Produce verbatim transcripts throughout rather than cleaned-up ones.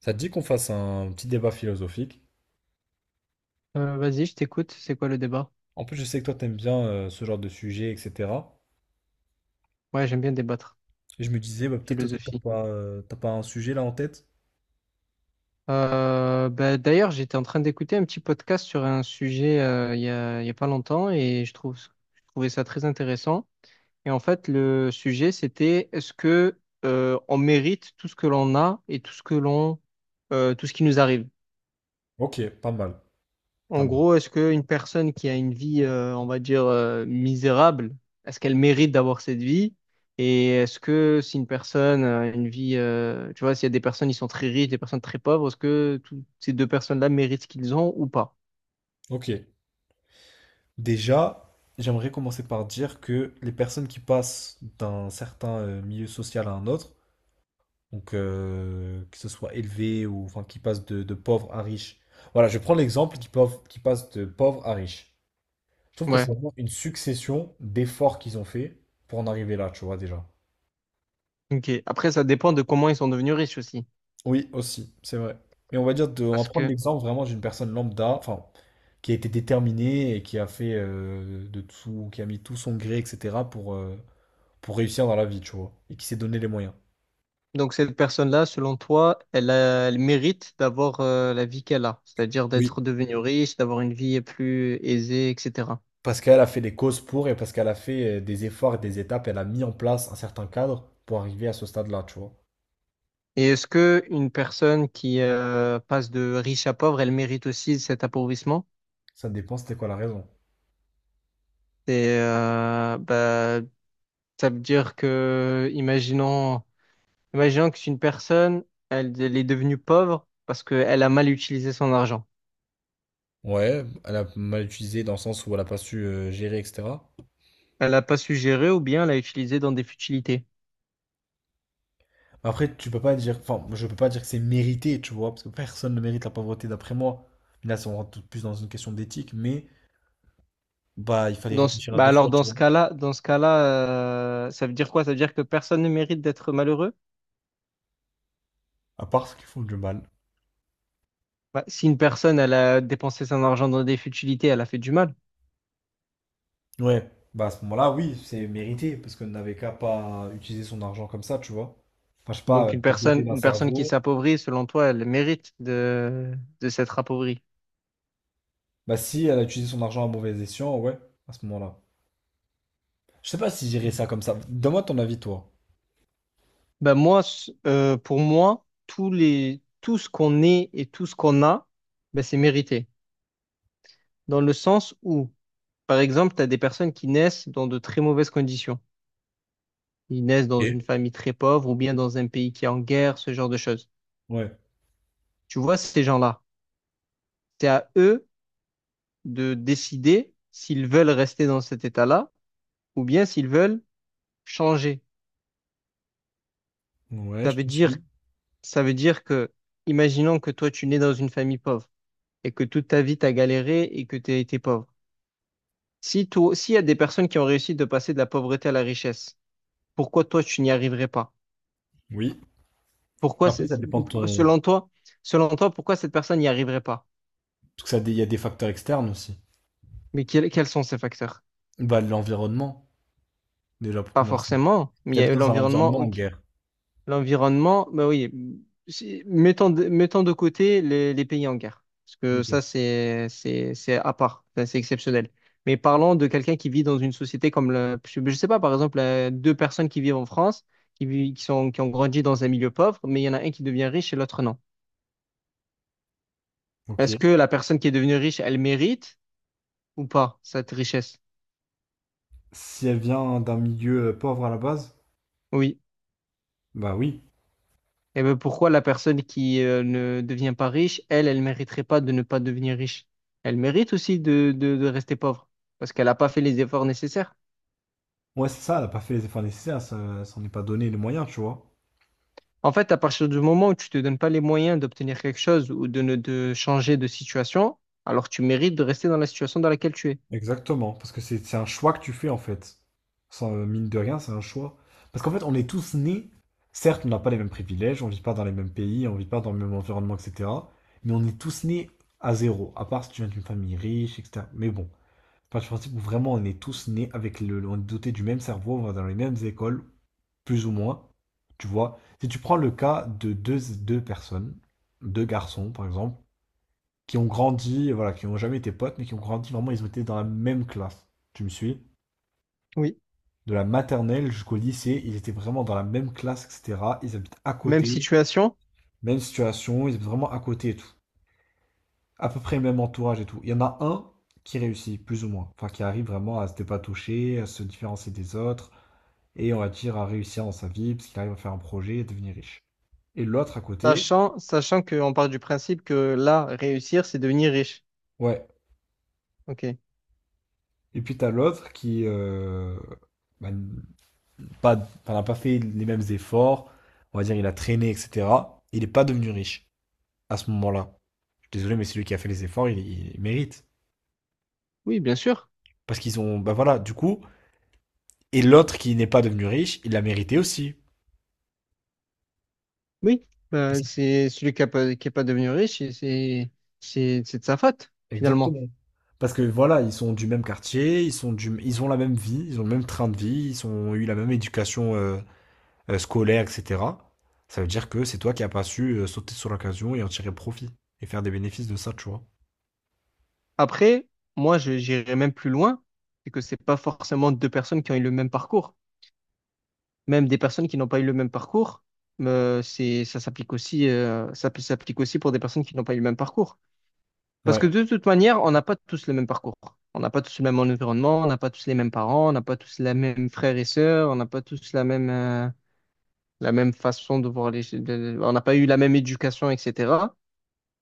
Ça te dit qu'on fasse un petit débat philosophique? Euh, vas-y, je t'écoute. C'est quoi le débat? En plus, je sais que toi, t'aimes bien euh, ce genre de sujet, et cetera. Ouais, j'aime bien débattre. Et je me disais, bah, peut-être que t'as Philosophie. pas, euh, t'as pas un sujet là en tête? Euh, bah, d'ailleurs, j'étais en train d'écouter un petit podcast sur un sujet euh, il y a, il y a pas longtemps et je trouve, je trouvais ça très intéressant. Et en fait, le sujet, c'était est-ce que euh, on mérite tout ce que l'on a et tout ce que l'on, euh, tout ce qui nous arrive? Ok, pas mal, pas En mal. gros, est-ce qu'une personne qui a une vie, euh, on va dire, euh, misérable, est-ce qu'elle mérite d'avoir cette vie? Et est-ce que si une personne a une vie, euh, tu vois, s'il y a des personnes qui sont très riches, des personnes très pauvres, est-ce que toutes ces deux personnes-là méritent ce qu'ils ont ou pas? Ok. Déjà, j'aimerais commencer par dire que les personnes qui passent d'un certain euh, milieu social à un autre, donc euh, que ce soit élevé ou enfin qui passent de, de pauvre à riche. Voilà, je prends l'exemple qui, pauvre- qui passe de pauvre à riche. Je trouve que Ouais, c'est vraiment une succession d'efforts qu'ils ont fait pour en arriver là, tu vois déjà. ok. Après, ça dépend de comment ils sont devenus riches aussi. Oui, aussi, c'est vrai. Mais on va dire de, on va Parce prendre que, l'exemple vraiment d'une personne lambda, enfin, qui a été déterminée et qui a fait euh, de tout, qui a mis tout son gré, et cetera pour, euh, pour réussir dans la vie, tu vois, et qui s'est donné les moyens. donc, cette personne-là, selon toi, elle a- elle mérite d'avoir, euh, la vie qu'elle a, c'est-à-dire Oui. d'être devenue riche, d'avoir une vie plus aisée, et cetera. Parce qu'elle a fait des causes pour et parce qu'elle a fait euh, des efforts et des étapes, elle a mis en place un certain cadre pour arriver à ce stade-là, tu vois. Et est-ce que une personne qui euh, passe de riche à pauvre, elle mérite aussi cet appauvrissement? Ça dépend, c'était quoi la raison. Et euh, bah, ça veut dire que, imaginons, imaginons que c'est une personne, elle, elle est devenue pauvre parce qu'elle a mal utilisé son argent. Ouais, elle a mal utilisé dans le sens où elle a pas su euh, gérer, et cetera. Elle n'a pas su gérer ou bien elle l'a utilisé dans des futilités. Après, tu peux pas dire, enfin, je peux pas dire que c'est mérité, tu vois, parce que personne ne mérite la pauvreté, d'après moi. Là, ça, on rentre tout plus dans une question d'éthique, mais bah, il fallait Dans ce- réfléchir à bah deux alors fois, tu dans ce vois. cas-là, dans ce cas-là, euh, ça veut dire quoi? Ça veut dire que personne ne mérite d'être malheureux? À part ceux qui font du mal. Bah, si une personne, elle a dépensé son argent dans des futilités, elle a fait du mal. Ouais, bah à ce moment-là, oui, c'est mérité, parce qu'on n'avait qu'à pas utiliser son argent comme ça, tu vois. Enfin, je sais pas, Donc euh, une t'es doté personne, d'un une personne qui cerveau. s'appauvrit, selon toi, elle mérite de, de s'être appauvrie. Bah si, elle a utilisé son argent à mauvais escient, ouais, à ce moment-là. Je sais pas si j'irais ça comme ça. Donne-moi ton avis, toi. Ben moi, s- euh, pour moi, tous les, tout ce qu'on est et tout ce qu'on a, ben c'est mérité. Dans le sens où, par exemple, tu as des personnes qui naissent dans de très mauvaises conditions. Ils naissent dans une Ok. famille très pauvre ou bien dans un pays qui est en guerre, ce genre de choses. Ouais. Tu vois, ces gens-là, c'est à eux de décider s'ils veulent rester dans cet état-là ou bien s'ils veulent changer. Ouais, Ça je veut te dire suis. Ça veut dire que, imaginons que toi, tu nais dans une famille pauvre et que toute ta vie, t'as galéré et que t'as été pauvre. Si toi, s'il y a des personnes qui ont réussi de passer de la pauvreté à la richesse, pourquoi toi, tu n'y arriverais pas? Oui. Pourquoi, Après, c'est- ça c'est- dépend de ton... selon toi, selon toi, pourquoi cette personne n'y arriverait pas? Parce que ça, dé- il y a des facteurs externes aussi. Mais quels, quels sont ces facteurs? Bah, l'environnement, déjà pour Pas commencer. forcément, mais il y a T'habites eu dans un l'environnement, environnement en ok. guerre. L'environnement, bah oui, si- mettons de, mettons de côté les, les pays en guerre, parce que Ok. ça, c'est, c'est, c'est à part, ça, c'est exceptionnel. Mais parlons de quelqu'un qui vit dans une société comme le, je je sais pas, par exemple, euh, deux personnes qui vivent en France, qui vivent, qui sont, qui ont grandi dans un milieu pauvre, mais il y en a un qui devient riche et l'autre non. Ok. Est-ce que la personne qui est devenue riche, elle mérite ou pas cette richesse? Si elle vient d'un milieu euh, pauvre à la base, Oui. bah oui. Et ben pourquoi la personne qui euh, ne devient pas riche, elle, elle mériterait pas de ne pas devenir riche. Elle mérite aussi de, de, de rester pauvre parce qu'elle n'a pas fait les efforts nécessaires. Ouais, c'est ça, elle a pas fait les efforts nécessaires, ça s'en est pas donné les moyens, tu vois. En fait, à partir du moment où tu te donnes pas les moyens d'obtenir quelque chose ou de ne de changer de situation, alors tu mérites de rester dans la situation dans laquelle tu es. Exactement, parce que c'est c'est un choix que tu fais en fait. Sans, euh, mine de rien, c'est un choix. Parce qu'en fait, on est tous nés, certes, on n'a pas les mêmes privilèges, on vit pas dans les mêmes pays, on vit pas dans le même environnement, et cetera. Mais on est tous nés à zéro, à part si tu viens d'une famille riche, et cetera. Mais bon, enfin, je principe où vraiment on est tous nés avec le, on est dotés du même cerveau, on va dans les mêmes écoles, plus ou moins. Tu vois, si tu prends le cas de deux, deux personnes, deux garçons par exemple, qui ont grandi, voilà, qui n'ont jamais été potes, mais qui ont grandi vraiment, ils ont été dans la même classe. Tu me suis? Oui. De la maternelle jusqu'au lycée, ils étaient vraiment dans la même classe, et cetera. Ils habitent à Même côté, situation, même situation, ils habitent vraiment à côté et tout. À peu près le même entourage et tout. Il y en a un qui réussit, plus ou moins. Enfin, qui arrive vraiment à se dépatoucher, à se différencier des autres et on va dire à réussir dans sa vie, parce qu'il arrive à faire un projet et devenir riche. Et l'autre à côté, sachant, sachant qu'on part du principe que là, réussir, c'est devenir riche. ouais. Ok. Et puis t'as l'autre qui euh, bah, n- pas, enfin, n'a pas fait les mêmes efforts, on va dire il a traîné, et cetera. Il n'est pas devenu riche à ce moment-là. Je suis désolé, mais celui qui a fait les efforts, il, il mérite. Oui, bien sûr. Parce qu'ils ont, bah voilà, du coup, et l'autre qui n'est pas devenu riche, il l'a mérité aussi. Oui, bah, c'est celui qui n'est pas, qui est pas devenu riche, et c'est c'est- c'est de sa faute, finalement. Exactement. Parce que voilà, ils sont du même quartier, ils sont du, ils ont la même vie, ils ont le même train de vie, ils ont eu la même éducation euh, euh, scolaire, et cetera, ça veut dire que c'est toi qui n'as pas su euh, sauter sur l'occasion et en tirer profit et faire des bénéfices de ça, tu vois. Après, moi, je- j'irais même plus loin, c'est que c'est pas forcément deux personnes qui ont eu le même parcours. Même des personnes qui n'ont pas eu le même parcours, euh, c'est, ça s'applique aussi, euh, ça peut- s'applique aussi pour des personnes qui n'ont pas eu le même parcours. Parce Ouais, que de toute manière, on n'a pas tous le même parcours. On n'a pas tous le même environnement, on n'a pas tous les mêmes parents, on n'a pas tous les mêmes frères et sœurs, on n'a pas tous la même, euh, la même façon de voir les... de- On n'a pas eu la même éducation, et cetera.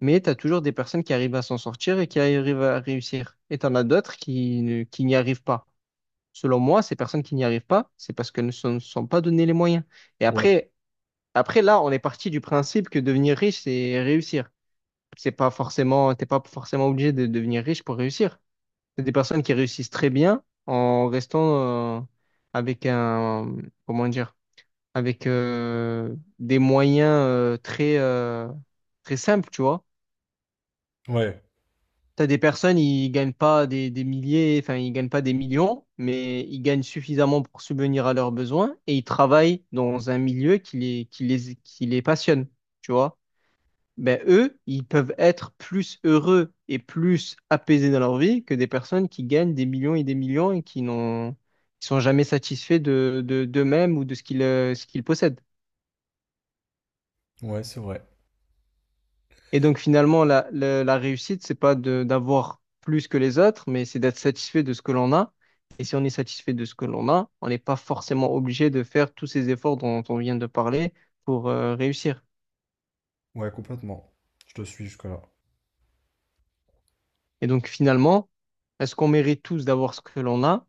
Mais tu as toujours des personnes qui arrivent à s'en sortir et qui arrivent à réussir. Et tu en as d'autres qui, ne- qui n'y arrivent pas. Selon moi, ces personnes qui n'y arrivent pas, c'est parce qu'elles ne se sont pas donné les moyens. Et ouais, après, après, là, on est parti du principe que devenir riche, c'est réussir. C'est pas forcément, t'es pas forcément obligé de devenir riche pour réussir. C'est des personnes qui réussissent très bien en restant euh, avec un, comment dire, avec euh, des moyens euh, très, euh, très simples, tu vois. ouais, T'as des personnes, ils gagnent pas des, des milliers, enfin, ils gagnent pas des millions, mais ils gagnent suffisamment pour subvenir à leurs besoins et ils travaillent dans un milieu qui les, qui les, qui les passionne, tu vois. Ben, eux, ils peuvent être plus heureux et plus apaisés dans leur vie que des personnes qui gagnent des millions et des millions et qui n'ont, qui sont jamais satisfaits de, de, d'eux-mêmes ou de ce qu'ils, euh, ce qu'ils possèdent. ouais, c'est vrai. Et donc finalement, la, la, la réussite, c'est pas de d'avoir plus que les autres, mais c'est d'être satisfait de ce que l'on a. Et si on est satisfait de ce que l'on a, on n'est pas forcément obligé de faire tous ces efforts dont on vient de parler pour euh, réussir. Ouais, complètement. Je te suis jusque-là. Et donc finalement, est-ce qu'on mérite tous d'avoir ce que l'on a?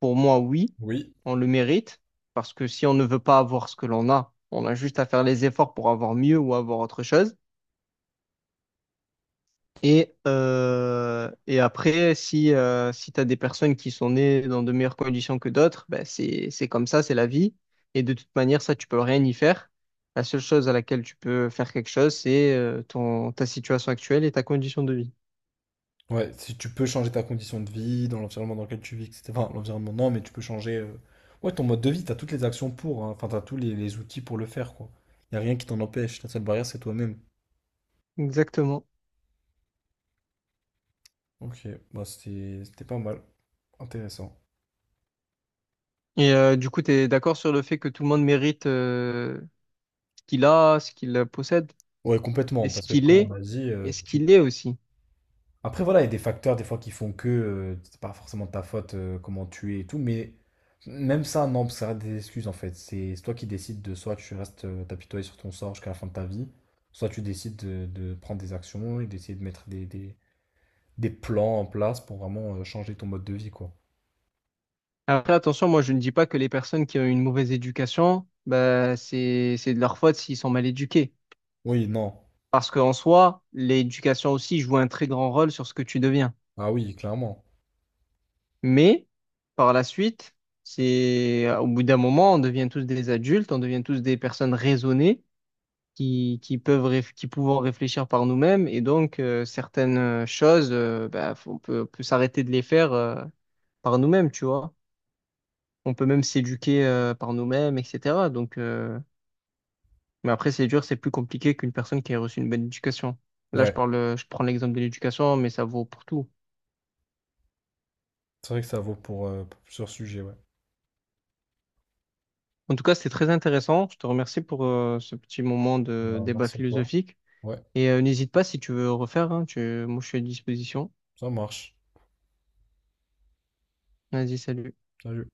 Pour moi, oui, Oui. on le mérite, parce que si on ne veut pas avoir ce que l'on a, on a juste à faire les efforts pour avoir mieux ou avoir autre chose. Et, euh, et après, si, euh, si tu as des personnes qui sont nées dans de meilleures conditions que d'autres, ben c'est, c'est comme ça, c'est la vie. Et de toute manière, ça, tu peux rien y faire. La seule chose à laquelle tu peux faire quelque chose, c'est euh, ton, ta situation actuelle et ta condition de vie. Ouais, si tu peux changer ta condition de vie, dans l'environnement dans lequel tu vis, et cetera. Enfin, l'environnement, non, mais tu peux changer. Euh, Ouais, ton mode de vie, t'as toutes les actions pour, hein. Enfin, t'as tous les, les outils pour le faire, quoi. Y a rien qui t'en empêche. La seule barrière, c'est toi-même. Exactement. Ok, bah c'était c'était pas mal. Intéressant. Et euh, du coup, tu es d'accord sur le fait que tout le monde mérite euh, ce qu'il a, ce qu'il possède, Ouais, complètement, et ce parce que qu'il comme on est, a dit, et euh, ce tu, qu'il est aussi. après, voilà, il y a des facteurs des fois qui font que euh, c'est pas forcément de ta faute euh, comment tu es et tout, mais même ça, non, ça reste des excuses en fait. C'est c'est toi qui décides de soit tu restes euh, t'apitoyer sur ton sort jusqu'à la fin de ta vie, soit tu décides de, de prendre des actions et d'essayer de mettre des, des- des plans en place pour vraiment euh, changer ton mode de vie, quoi. Après, attention, moi, je ne dis pas que les personnes qui ont une mauvaise éducation, bah, c'est, c'est de leur faute s'ils sont mal éduqués. Oui, non. Parce qu'en soi, l'éducation aussi joue un très grand rôle sur ce que tu deviens. Ah oui, clairement. Mais par la suite, c'est au bout d'un moment, on devient tous des adultes, on devient tous des personnes raisonnées qui, qui peuvent réf- qui pouvons réfléchir par nous-mêmes. Et donc, euh, certaines euh, choses, euh, bah, faut- on peut, on peut s'arrêter de les faire euh, par nous-mêmes, tu vois. On peut même s'éduquer euh, par nous-mêmes, et cetera. Donc, euh, Mais après, c'est dur, c'est plus compliqué qu'une personne qui a reçu une bonne éducation. Là, je Ouais, parle, euh, je prends l'exemple de l'éducation, mais ça vaut pour tout. c'est vrai que ça vaut pour, euh, pour plusieurs sujets, ouais. En tout cas, c'était très intéressant. Je te remercie pour euh, ce petit moment de Bah, débat merci à toi. philosophique. Ouais, Et euh, n'hésite pas si tu veux refaire, hein, tu... moi, je suis à disposition. ça marche. Vas-y, salut. Salut.